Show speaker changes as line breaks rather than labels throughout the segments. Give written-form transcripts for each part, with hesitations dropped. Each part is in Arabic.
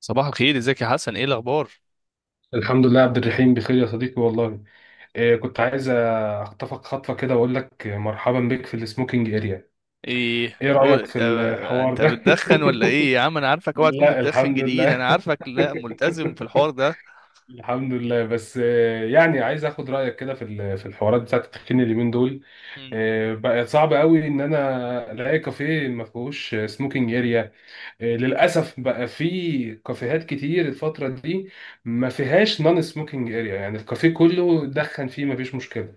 صباح الخير، ازيك يا حسن؟ ايه الاخبار؟
الحمد لله عبد الرحيم بخير يا صديقي والله. إيه، كنت عايز اخطفك خطفة كده واقول لك مرحبا بك في السموكينج اريا.
ايه
ايه
هو
رأيك في
انت
الحوار
انت
ده؟
بتدخن ولا ايه يا عم؟ انا عارفك، اوعى تكون
لا
بتدخن
الحمد
جديد. انا
لله.
عارفك لا، ملتزم في الحوار ده.
الحمد لله. بس يعني عايز اخد رايك كده في في الحوارات بتاعت التدخين اليومين دول.
مم.
بقى صعب قوي ان انا الاقي كافيه ما فيهوش سموكينج اريا. للاسف بقى في كافيهات كتير الفتره دي ما فيهاش نون سموكينج اريا، يعني الكافيه كله دخن فيه ما فيش مشكله.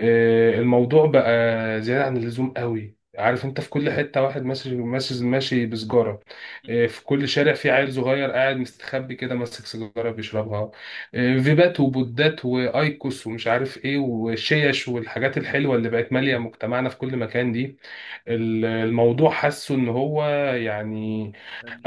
الموضوع بقى زيادة عن اللزوم قوي، عارف انت، في كل حتة واحد ماشي بسجارة. في كل شارع في عيل صغير قاعد مستخبي كده ماسك سيجارة بيشربها. فيبات وبودات وايكوس ومش عارف ايه وشيش والحاجات الحلوة اللي بقت مالية مجتمعنا في كل مكان دي. الموضوع حاسه ان هو يعني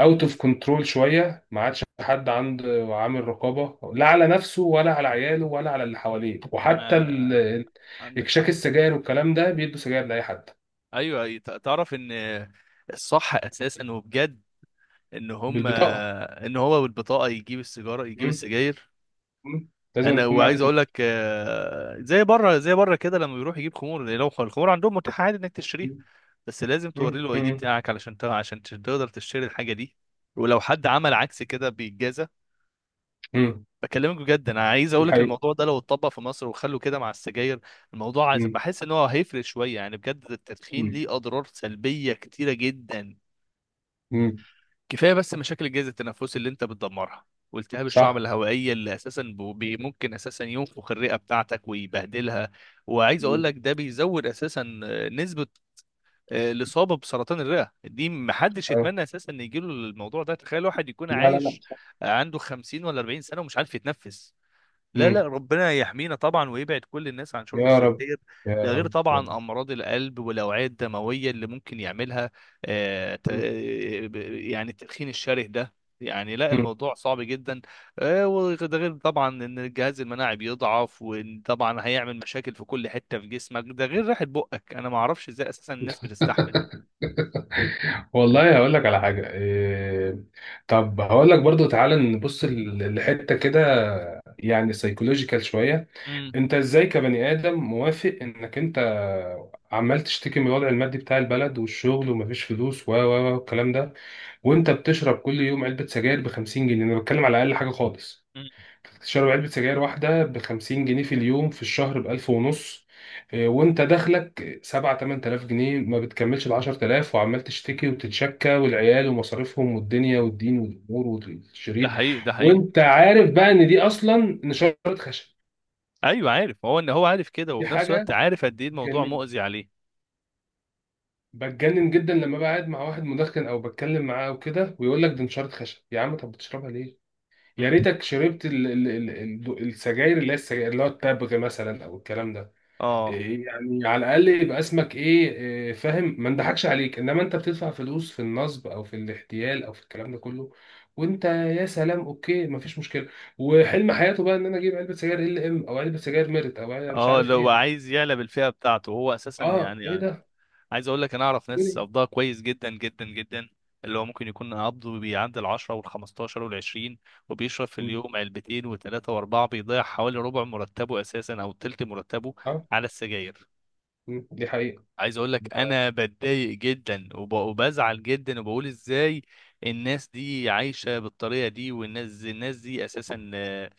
اوت اوف كنترول شويه. ما عادش حد عنده عامل رقابه، لا على نفسه ولا على عياله ولا على اللي حواليه. وحتى
انا عندك
اكشاك
حق.
السجاير والكلام ده بيدوا سجاير لاي حد
ايوه، تعرف ان الصح اساسا وبجد ان
بالبطاقه.
ان هو بالبطاقه يجيب يجيب
مم.
السجاير.
مم. لازم أن تكون معدي
وعايز اقول لك، زي بره كده، لما بيروح يجيب خمور، لو الخمور عندهم متاح عادي انك تشتريها،
مم.
بس لازم توري
مم.
له الاي دي
مم.
بتاعك علشان عشان تقدر تشتري الحاجه دي. ولو حد عمل عكس كده بيتجازى.
مم.
بكلمك بجد، انا عايز اقول
دي
لك
حقيقة.
الموضوع ده لو اتطبق في مصر وخلوا كده مع السجاير، الموضوع
مم.
بحس ان هو هيفرق شويه. يعني بجد التدخين
مم.
ليه اضرار سلبيه كتيره جدا.
مم.
كفايه بس مشاكل الجهاز التنفسي اللي انت بتدمرها، والتهاب الشعب
صح.
الهوائيه اللي اساسا ممكن اساسا ينفخ الرئه بتاعتك ويبهدلها. وعايز اقول
مم.
لك ده بيزود اساسا نسبه الاصابه بسرطان الرئه. دي محدش
أيوة.
يتمنى اساسا ان يجيله الموضوع ده. تخيل واحد يكون
لا لا
عايش،
لا.
عنده 50 ولا 40 سنه ومش عارف يتنفس. لا لا،
مم.
ربنا يحمينا طبعا ويبعد كل الناس عن شرب
يا رب.
السجاير.
يا
ده غير
رب يا رب.
طبعا امراض القلب والاوعيه الدمويه اللي ممكن يعملها. يعني التدخين الشره ده، يعني لا
مم.
الموضوع صعب جدا. وده غير طبعا ان الجهاز المناعي بيضعف، وطبعا هيعمل مشاكل في كل حته في جسمك، ده غير ريحه بقك. انا ما اعرفش ازاي اساسا الناس بتستحمل.
والله هقول لك على حاجة إيه. طب هقول لك برضو، تعالى نبص لحتة كده يعني سيكولوجيكال شوية.
امم
انت ازاي كبني آدم موافق انك انت عمال تشتكي من الوضع المادي بتاع البلد والشغل ومفيش فلوس و الكلام ده، وانت بتشرب كل يوم علبة سجاير ب 50 جنيه؟ انا بتكلم على اقل حاجة خالص.
امم
تشرب علبة سجاير واحدة بخمسين جنيه في اليوم، في الشهر بألف ونص. وانت دخلك سبعة تمن تلاف جنيه، ما بتكملش العشر تلاف، وعمال تشتكي وتتشكى والعيال ومصاريفهم والدنيا والدين والأمور
ده
والشريط،
حقيقي، ده حقيقي.
وانت عارف بقى ان دي أصلا نشارة خشب.
ايوه عارف، هو ان هو عارف كده،
دي
وفي نفس الوقت
حاجة
عارف قد ايه الموضوع
بتجنن
مؤذي عليه.
بتجنن جدا لما بقعد مع واحد مدخن أو بتكلم معاه وكده ويقول لك دي نشارة خشب. يا عم، طب بتشربها ليه؟ يا
امم
ريتك شربت ال السجاير اللي هي السجاير اللي هو التبغ مثلا أو الكلام ده.
اه،
إيه يعني، على الاقل يبقى اسمك ايه، فاهم، ما نضحكش عليك. انما انت بتدفع فلوس في النصب او في الاحتيال او في الكلام ده كله، وانت يا سلام، اوكي ما فيش مشكله، وحلم حياته بقى ان انا اجيب علبه سجاير ال ام او علبه سجاير ميرت او علبة مش
اه.
عارف
لو
ايه.
عايز يعلى بالفئه بتاعته هو اساسا
اه ايه
يعني.
ده؟
عايز اقول لك، انا اعرف ناس
إيه؟
قبضها كويس جدا جدا جدا، اللي هو ممكن يكون قبضه بيعدي ال 10 وال 15 وال 20، وبيشرب في
م،
اليوم علبتين وثلاثه واربعه، بيضيع حوالي ربع مرتبه اساسا او تلت مرتبه
اه.
على السجاير.
دي حقيقه.
عايز اقول لك، انا بتضايق جدا وبزعل جدا، وبقول ازاي الناس دي عايشه بالطريقه دي؟ الناس دي اساسا آه،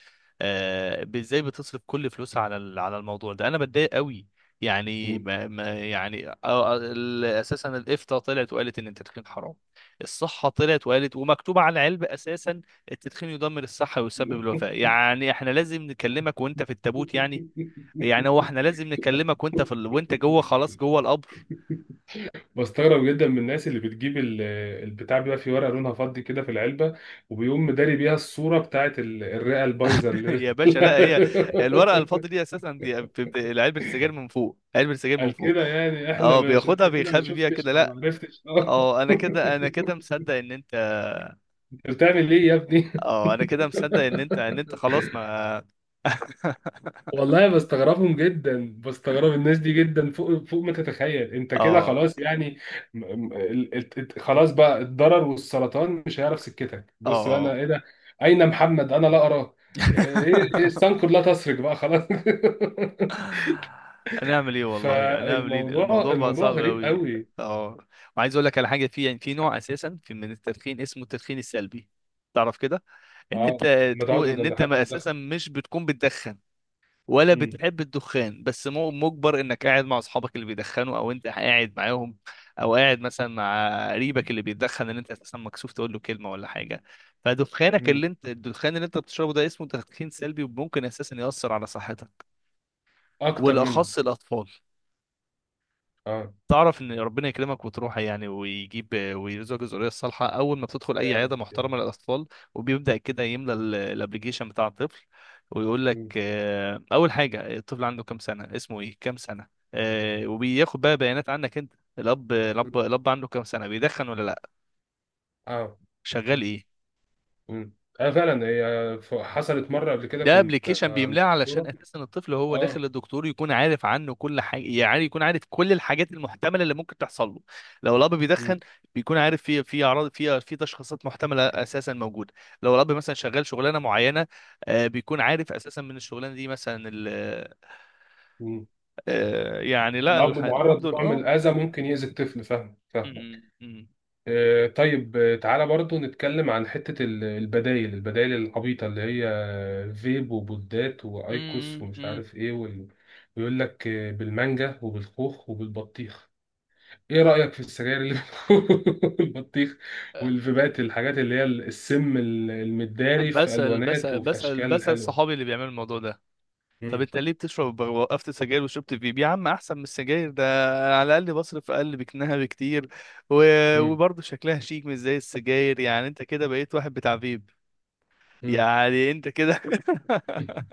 آه، ب- ازاي بتصرف كل فلوسها على على الموضوع ده؟ انا بتضايق قوي. يعني
م.
يعني اساسا الافتاء طلعت وقالت ان التدخين حرام. الصحه طلعت وقالت، ومكتوب على العلبه اساسا التدخين يدمر الصحه ويسبب الوفاه. يعني احنا لازم نكلمك وانت في التابوت؟ يعني يعني هو احنا لازم نكلمك وانت في وانت جوه، خلاص جوه القبر؟
بستغرب جدا من الناس اللي بتجيب البتاع بيبقى في ورقه لونها فضي كده في العلبه، وبيقوم مداري بيها الصوره بتاعت الرئه البايظه اللي
يا باشا لا، هي الورقه الفاضي دي اساسا، دي بتبقى علبه السجاير من فوق، علبه السجاير من
قال
فوق.
كده، يعني احنا
اه،
مش
بياخدها
انت كده ما
بيخبي بيها
شفتش
كده،
او ما
لا.
عرفتش، اه.
اه، انا كده مصدق ان انت.
انت بتعمل ايه يا ابني؟
اه، انا كده مصدق ان ان انت خلاص، ما.
والله بستغربهم جدا، بستغرب الناس دي جدا، فوق ما تتخيل. انت كده
اه،
خلاص يعني خلاص بقى، الضرر والسرطان مش هيعرف سكتك. بص بقى، انا
اه.
ايه ده، اين محمد انا لا اراه، ايه إيه السنكر، لا تسرق بقى خلاص.
هنعمل ايه والله؟ هنعمل ايه؟
فالموضوع،
الموضوع بقى
الموضوع
صعب
غريب
قوي.
قوي.
اه، وعايز اقول لك على حاجه. في يعني في نوع اساسا في من التدخين اسمه التدخين السلبي. تعرف كده، ان
اه،
انت
ما
تكون،
تقعدوا
ان
جنب
انت
حد
ما اساسا
مدخن.
مش بتكون بتدخن ولا
مم.
بتحب الدخان، بس مجبر انك قاعد مع اصحابك اللي بيدخنوا او انت قاعد معاهم، او قاعد مثلا مع قريبك اللي بيدخن اللي انت اساسا مكسوف تقول له كلمه ولا حاجه. فدخانك
مم.
اللي انت، الدخان اللي انت بتشربه ده، اسمه تدخين سلبي، وممكن اساسا ياثر على صحتك،
اكتر منه.
والاخص الاطفال.
اه.
تعرف ان ربنا يكرمك وتروح يعني ويجيب، ويرزقك الذريه الصالحه، اول ما بتدخل اي
يا رب
عياده
يا رب.
محترمه للاطفال وبيبدا كده يملى الابلكيشن بتاع الطفل، ويقول لك
مم.
اول حاجه الطفل عنده كام سنه، اسمه ايه، كام سنه. وبياخد بقى بيانات عنك انت،
مم.
الاب عنده كام سنه، بيدخن ولا لا،
اه.
شغال
مم.
ايه.
مم. اه، فعلا هي حصلت مره قبل كده
ده
كنا
ابلكيشن بيملاه علشان
كورة.
اساسا الطفل هو داخل
اه.
للدكتور، يكون عارف عنه كل حاجه، يعني يكون عارف كل الحاجات المحتمله اللي ممكن تحصل له. لو الاب
مم.
بيدخن، بيكون عارف في اعراض، في تشخيصات محتمله اساسا موجوده. لو الاب مثلا شغال شغلانه معينه، بيكون عارف اساسا من الشغلانه دي مثلا
مم.
يعني لا،
الأب
الحمد
معرض
لله.
لنوع من
اه.
الأذى ممكن يأذي الطفل، فاهم، فاهمك.
م- م-
آه طيب، تعالى برضو نتكلم عن حتة البدايل، العبيطة اللي هي فيب وبودات وأيكوس
م- م-
ومش
م-
عارف إيه وال. ويقول لك بالمانجا وبالخوخ وبالبطيخ. إيه رأيك في السجاير اللي بالبطيخ، والفيبات، الحاجات اللي هي السم
م.
المداري في
بسأل
ألوانات وفي أشكال حلوة.
صحابي اللي بيعملوا الموضوع ده، طب
مم.
انت ليه بتشرب؟ وقفت سجاير وشربت فيب يا عم احسن من السجاير ده، انا على الاقل بصرف اقل بكنها بكتير، و... وبرضه شكلها شيك مش زي السجاير. يعني انت كده بقيت واحد بتاع فيب،
مم.
يعني انت كده.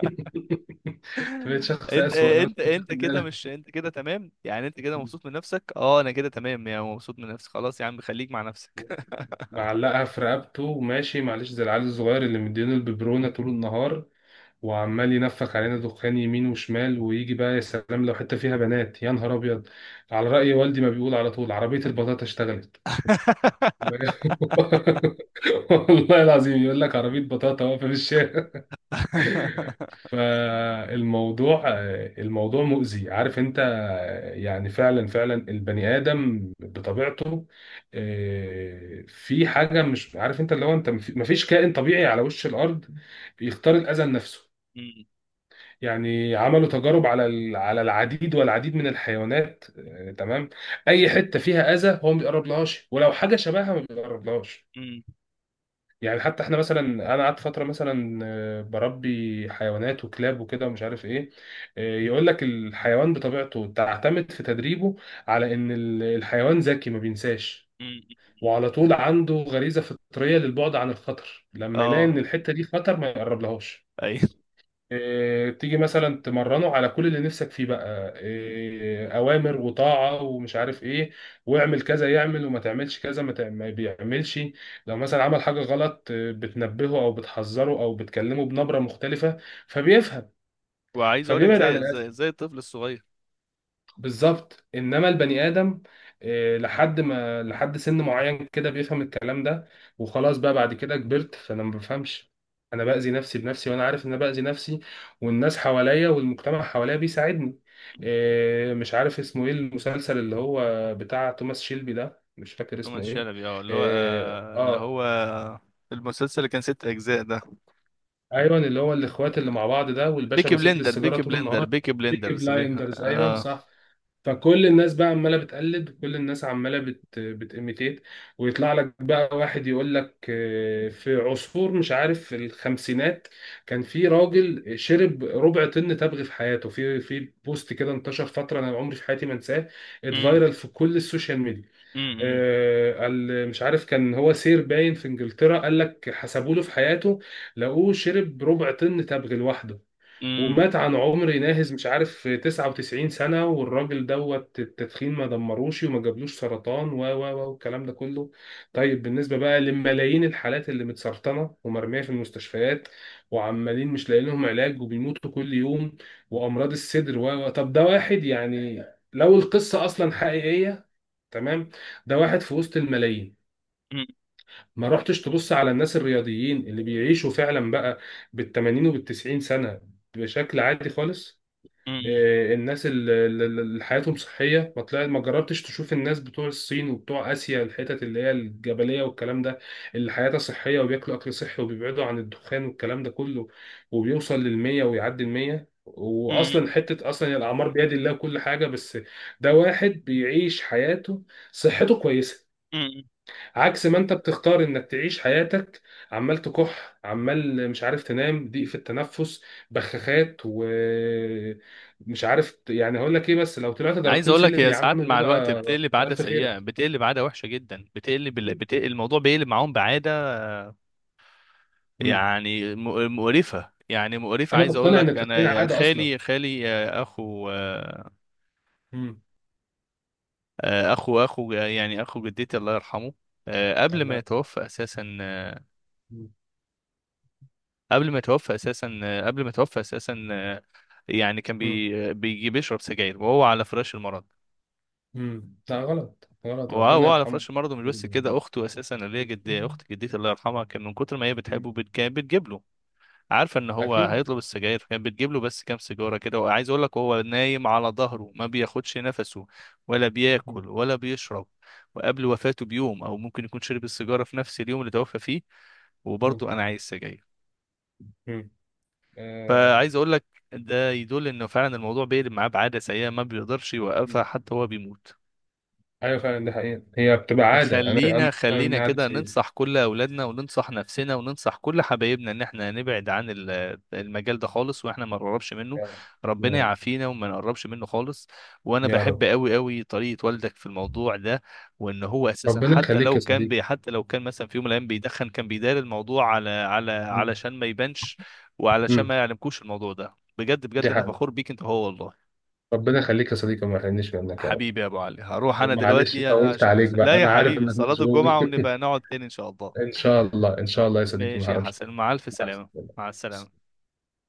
انت بقيت شخص أسوأ لو انت مش
انت
واخد
كده،
بالك.
مش انت كده تمام؟ يعني انت كده مبسوط من نفسك؟ اه انا كده تمام، يعني مبسوط من نفسي، خلاص يا عم، خليك مع نفسك.
معلقها في رقبته وماشي، معلش، زي العيال الصغير اللي مدينه الببرونة طول النهار، وعمال ينفخ علينا دخان يمين وشمال. ويجي بقى، يا سلام، لو حتة فيها بنات، يا نهار أبيض! على رأي والدي ما بيقول على طول: عربية البطاطا اشتغلت. والله العظيم يقول لك عربية بطاطا واقفة في الشارع. فالموضوع، الموضوع مؤذي، عارف انت. يعني فعلا، البني ادم بطبيعته في حاجه مش عارف انت، اللي هو انت مفيش كائن طبيعي على وش الارض بيختار الاذى لنفسه.
م-
يعني عملوا تجارب على على العديد والعديد من الحيوانات، تمام، اي حته فيها اذى هو ما بيقربلهاش، ولو حاجه شبهها ما بيقربلهاش.
م-
يعني حتى احنا مثلا، انا قعدت فتره مثلا بربي حيوانات وكلاب وكده ومش عارف ايه. يقول لك الحيوان بطبيعته تعتمد في تدريبه على ان الحيوان ذكي ما بينساش،
م- م.
وعلى طول عنده غريزه فطريه للبعد عن الخطر، لما يلاقي
اه،
ان الحته دي خطر ما يقرب لهاش.
ايوه.
تيجي مثلا تمرنه على كل اللي نفسك فيه بقى، اوامر وطاعه ومش عارف ايه، واعمل كذا يعمل، وما تعملش كذا ما بيعملش. لو مثلا عمل حاجه غلط، بتنبهه او بتحذره او بتكلمه بنبره مختلفه، فبيفهم،
وعايز اقول لك
فبيبعد عن
زي
الاذى.
زي زي الطفل الصغير.
بالظبط. انما البني ادم لحد ما، لحد سن معين كده بيفهم الكلام ده، وخلاص بقى بعد كده كبرت فانا ما بفهمش. انا باذي نفسي بنفسي وانا عارف ان انا باذي نفسي، والناس حواليا والمجتمع حواليا بيساعدني. مش عارف اسمه ايه المسلسل اللي هو بتاع توماس شيلبي ده، مش فاكر
توماس
اسمه ايه.
شلبي، اه،
اه،
اللي هو المسلسل اللي كان ست اجزاء ده.
ايوه، اللي هو الاخوات اللي مع بعض ده والباشا ماسك لي السيجاره طول النهار.
بيكي
بيكي
بلندرز،
بلايندرز، ايوه
اه.
صح. فكل الناس بقى عماله بتقلد، كل الناس عماله بتيميتيت. ويطلع لك بقى واحد يقول لك في عصفور مش عارف في الخمسينات كان في راجل شرب ربع طن تبغ في حياته، في بوست كده انتشر فتره، انا عمري في حياتي ما انساه،
أمم،
اتفايرل في كل السوشيال ميديا.
أمم،
قال مش عارف كان هو سير باين في انجلترا، قال لك حسبوا له في حياته لقوه شرب ربع طن تبغ لوحده،
أمم،
ومات عن عمر ناهز مش عارف 99 سنة، والراجل دوت التدخين ما دمروش وما جابلوش سرطان و والكلام ده كله. طيب بالنسبة بقى لملايين الحالات اللي متسرطنة ومرمية في المستشفيات وعمالين مش لاقيين لهم علاج وبيموتوا كل يوم، وأمراض الصدر و طب، ده واحد يعني، لو القصة أصلا حقيقية، تمام، ده واحد في وسط الملايين.
أمم،
ما رحتش تبص على الناس الرياضيين اللي بيعيشوا فعلا بقى بال 80 وبال 90 سنة بشكل عادي خالص؟
أمم،
الناس اللي حياتهم صحية، ما طلعت ما جربتش تشوف الناس بتوع الصين وبتوع آسيا، الحتت اللي هي الجبلية والكلام ده، اللي حياتها صحية وبياكلوا أكل صحي وبيبعدوا عن الدخان والكلام ده كله، وبيوصل للمية ويعدي المية؟
أمم،
وأصلا حتة أصلا الأعمار بيد الله، كل حاجة بس، ده واحد بيعيش حياته صحته كويسة،
أمم.
عكس ما انت بتختار انك تعيش حياتك، عمال تكح، عمال مش عارف تنام، ضيق في التنفس، بخاخات ومش عارف يعني هقول لك ايه، بس لو طلعت
عايز
درجتين
اقول لك،
سلم
هي
يا عم
ساعات مع الوقت
بيبقى
بتقلب
كتر
عاده
الف
سيئه،
خيرك.
بتقلب عاده وحشه جدا، الموضوع بيقلب معاهم بعاده.
مم.
يعني مقرفه، يعني مقرفه.
انا
عايز اقول
مقتنع ان
لك،
التدخين
انا
عاده اصلا.
خالي، آه، اخو آه،
مم.
آه، اخو، يعني اخو جدتي الله يرحمه. آه، قبل ما
الله.
يتوفى اساسا آه،
مم.
قبل ما يتوفى اساسا آه، قبل ما يتوفى اساسا، يعني كان
مم.
بيجي بيشرب سجاير وهو على فراش المرض.
لا غلط غلط، ربنا
وهو على
يرحمه.
فراش المرض، ومش بس كده،
مم.
اخته اساسا اللي هي جد، اخت جدتي الله يرحمها، كان من كتر ما هي
مم.
بتحبه بتجيب له، عارفه ان هو
اكيد.
هيطلب السجاير، فكانت بتجيب له بس كام سيجاره كده. وعايز اقول لك، وهو نايم على ظهره ما بياخدش نفسه ولا
مم.
بياكل ولا بيشرب، وقبل وفاته بيوم، او ممكن يكون شرب السيجاره في نفس اليوم اللي توفى فيه،
مم.
وبرضه انا عايز سجاير.
مم. آه.
فعايز اقول لك، ده يدل انه فعلا الموضوع بيقلب معاه بعاده سيئه ما بيقدرش يوقفها حتى هو بيموت.
ايوه فعلا دي حقيقة، هي بتبقى عادة، انا
فخلينا
مثلا هي عادة
كده
سيئة.
ننصح كل اولادنا، وننصح نفسنا، وننصح كل حبايبنا ان احنا نبعد عن المجال ده خالص، واحنا ما نقربش منه.
يا رب. يا
ربنا
رب
يعافينا وما نقربش منه خالص. وانا
يا
بحب
رب.
قوي قوي طريقة والدك في الموضوع ده، وان هو اساسا
ربنا يخليك يا صديقي.
حتى لو كان مثلا في يوم من الايام بيدخن، كان بيدار الموضوع على
مم.
علشان ما يبانش، وعلشان
مم.
ما يعلمكوش الموضوع ده. بجد بجد،
دي
انا
حقيقة.
فخور بيك انت، هو والله.
ربنا يخليك يا صديقي وما يحرمنيش منك يا رب.
حبيبي يا ابو علي، هروح انا
ومعلش
دلوقتي
طولت
عشان
عليك بقى،
لا يا
انا عارف
حبيبي
انك
صلاة
مشغول.
الجمعة، ونبقى نقعد تاني ان شاء الله.
ان شاء الله، ان شاع الله يا صديقي
ماشي
ما
يا
هربش.
حسن، مع الف
مع
سلامة.
السلامة.
مع السلامة.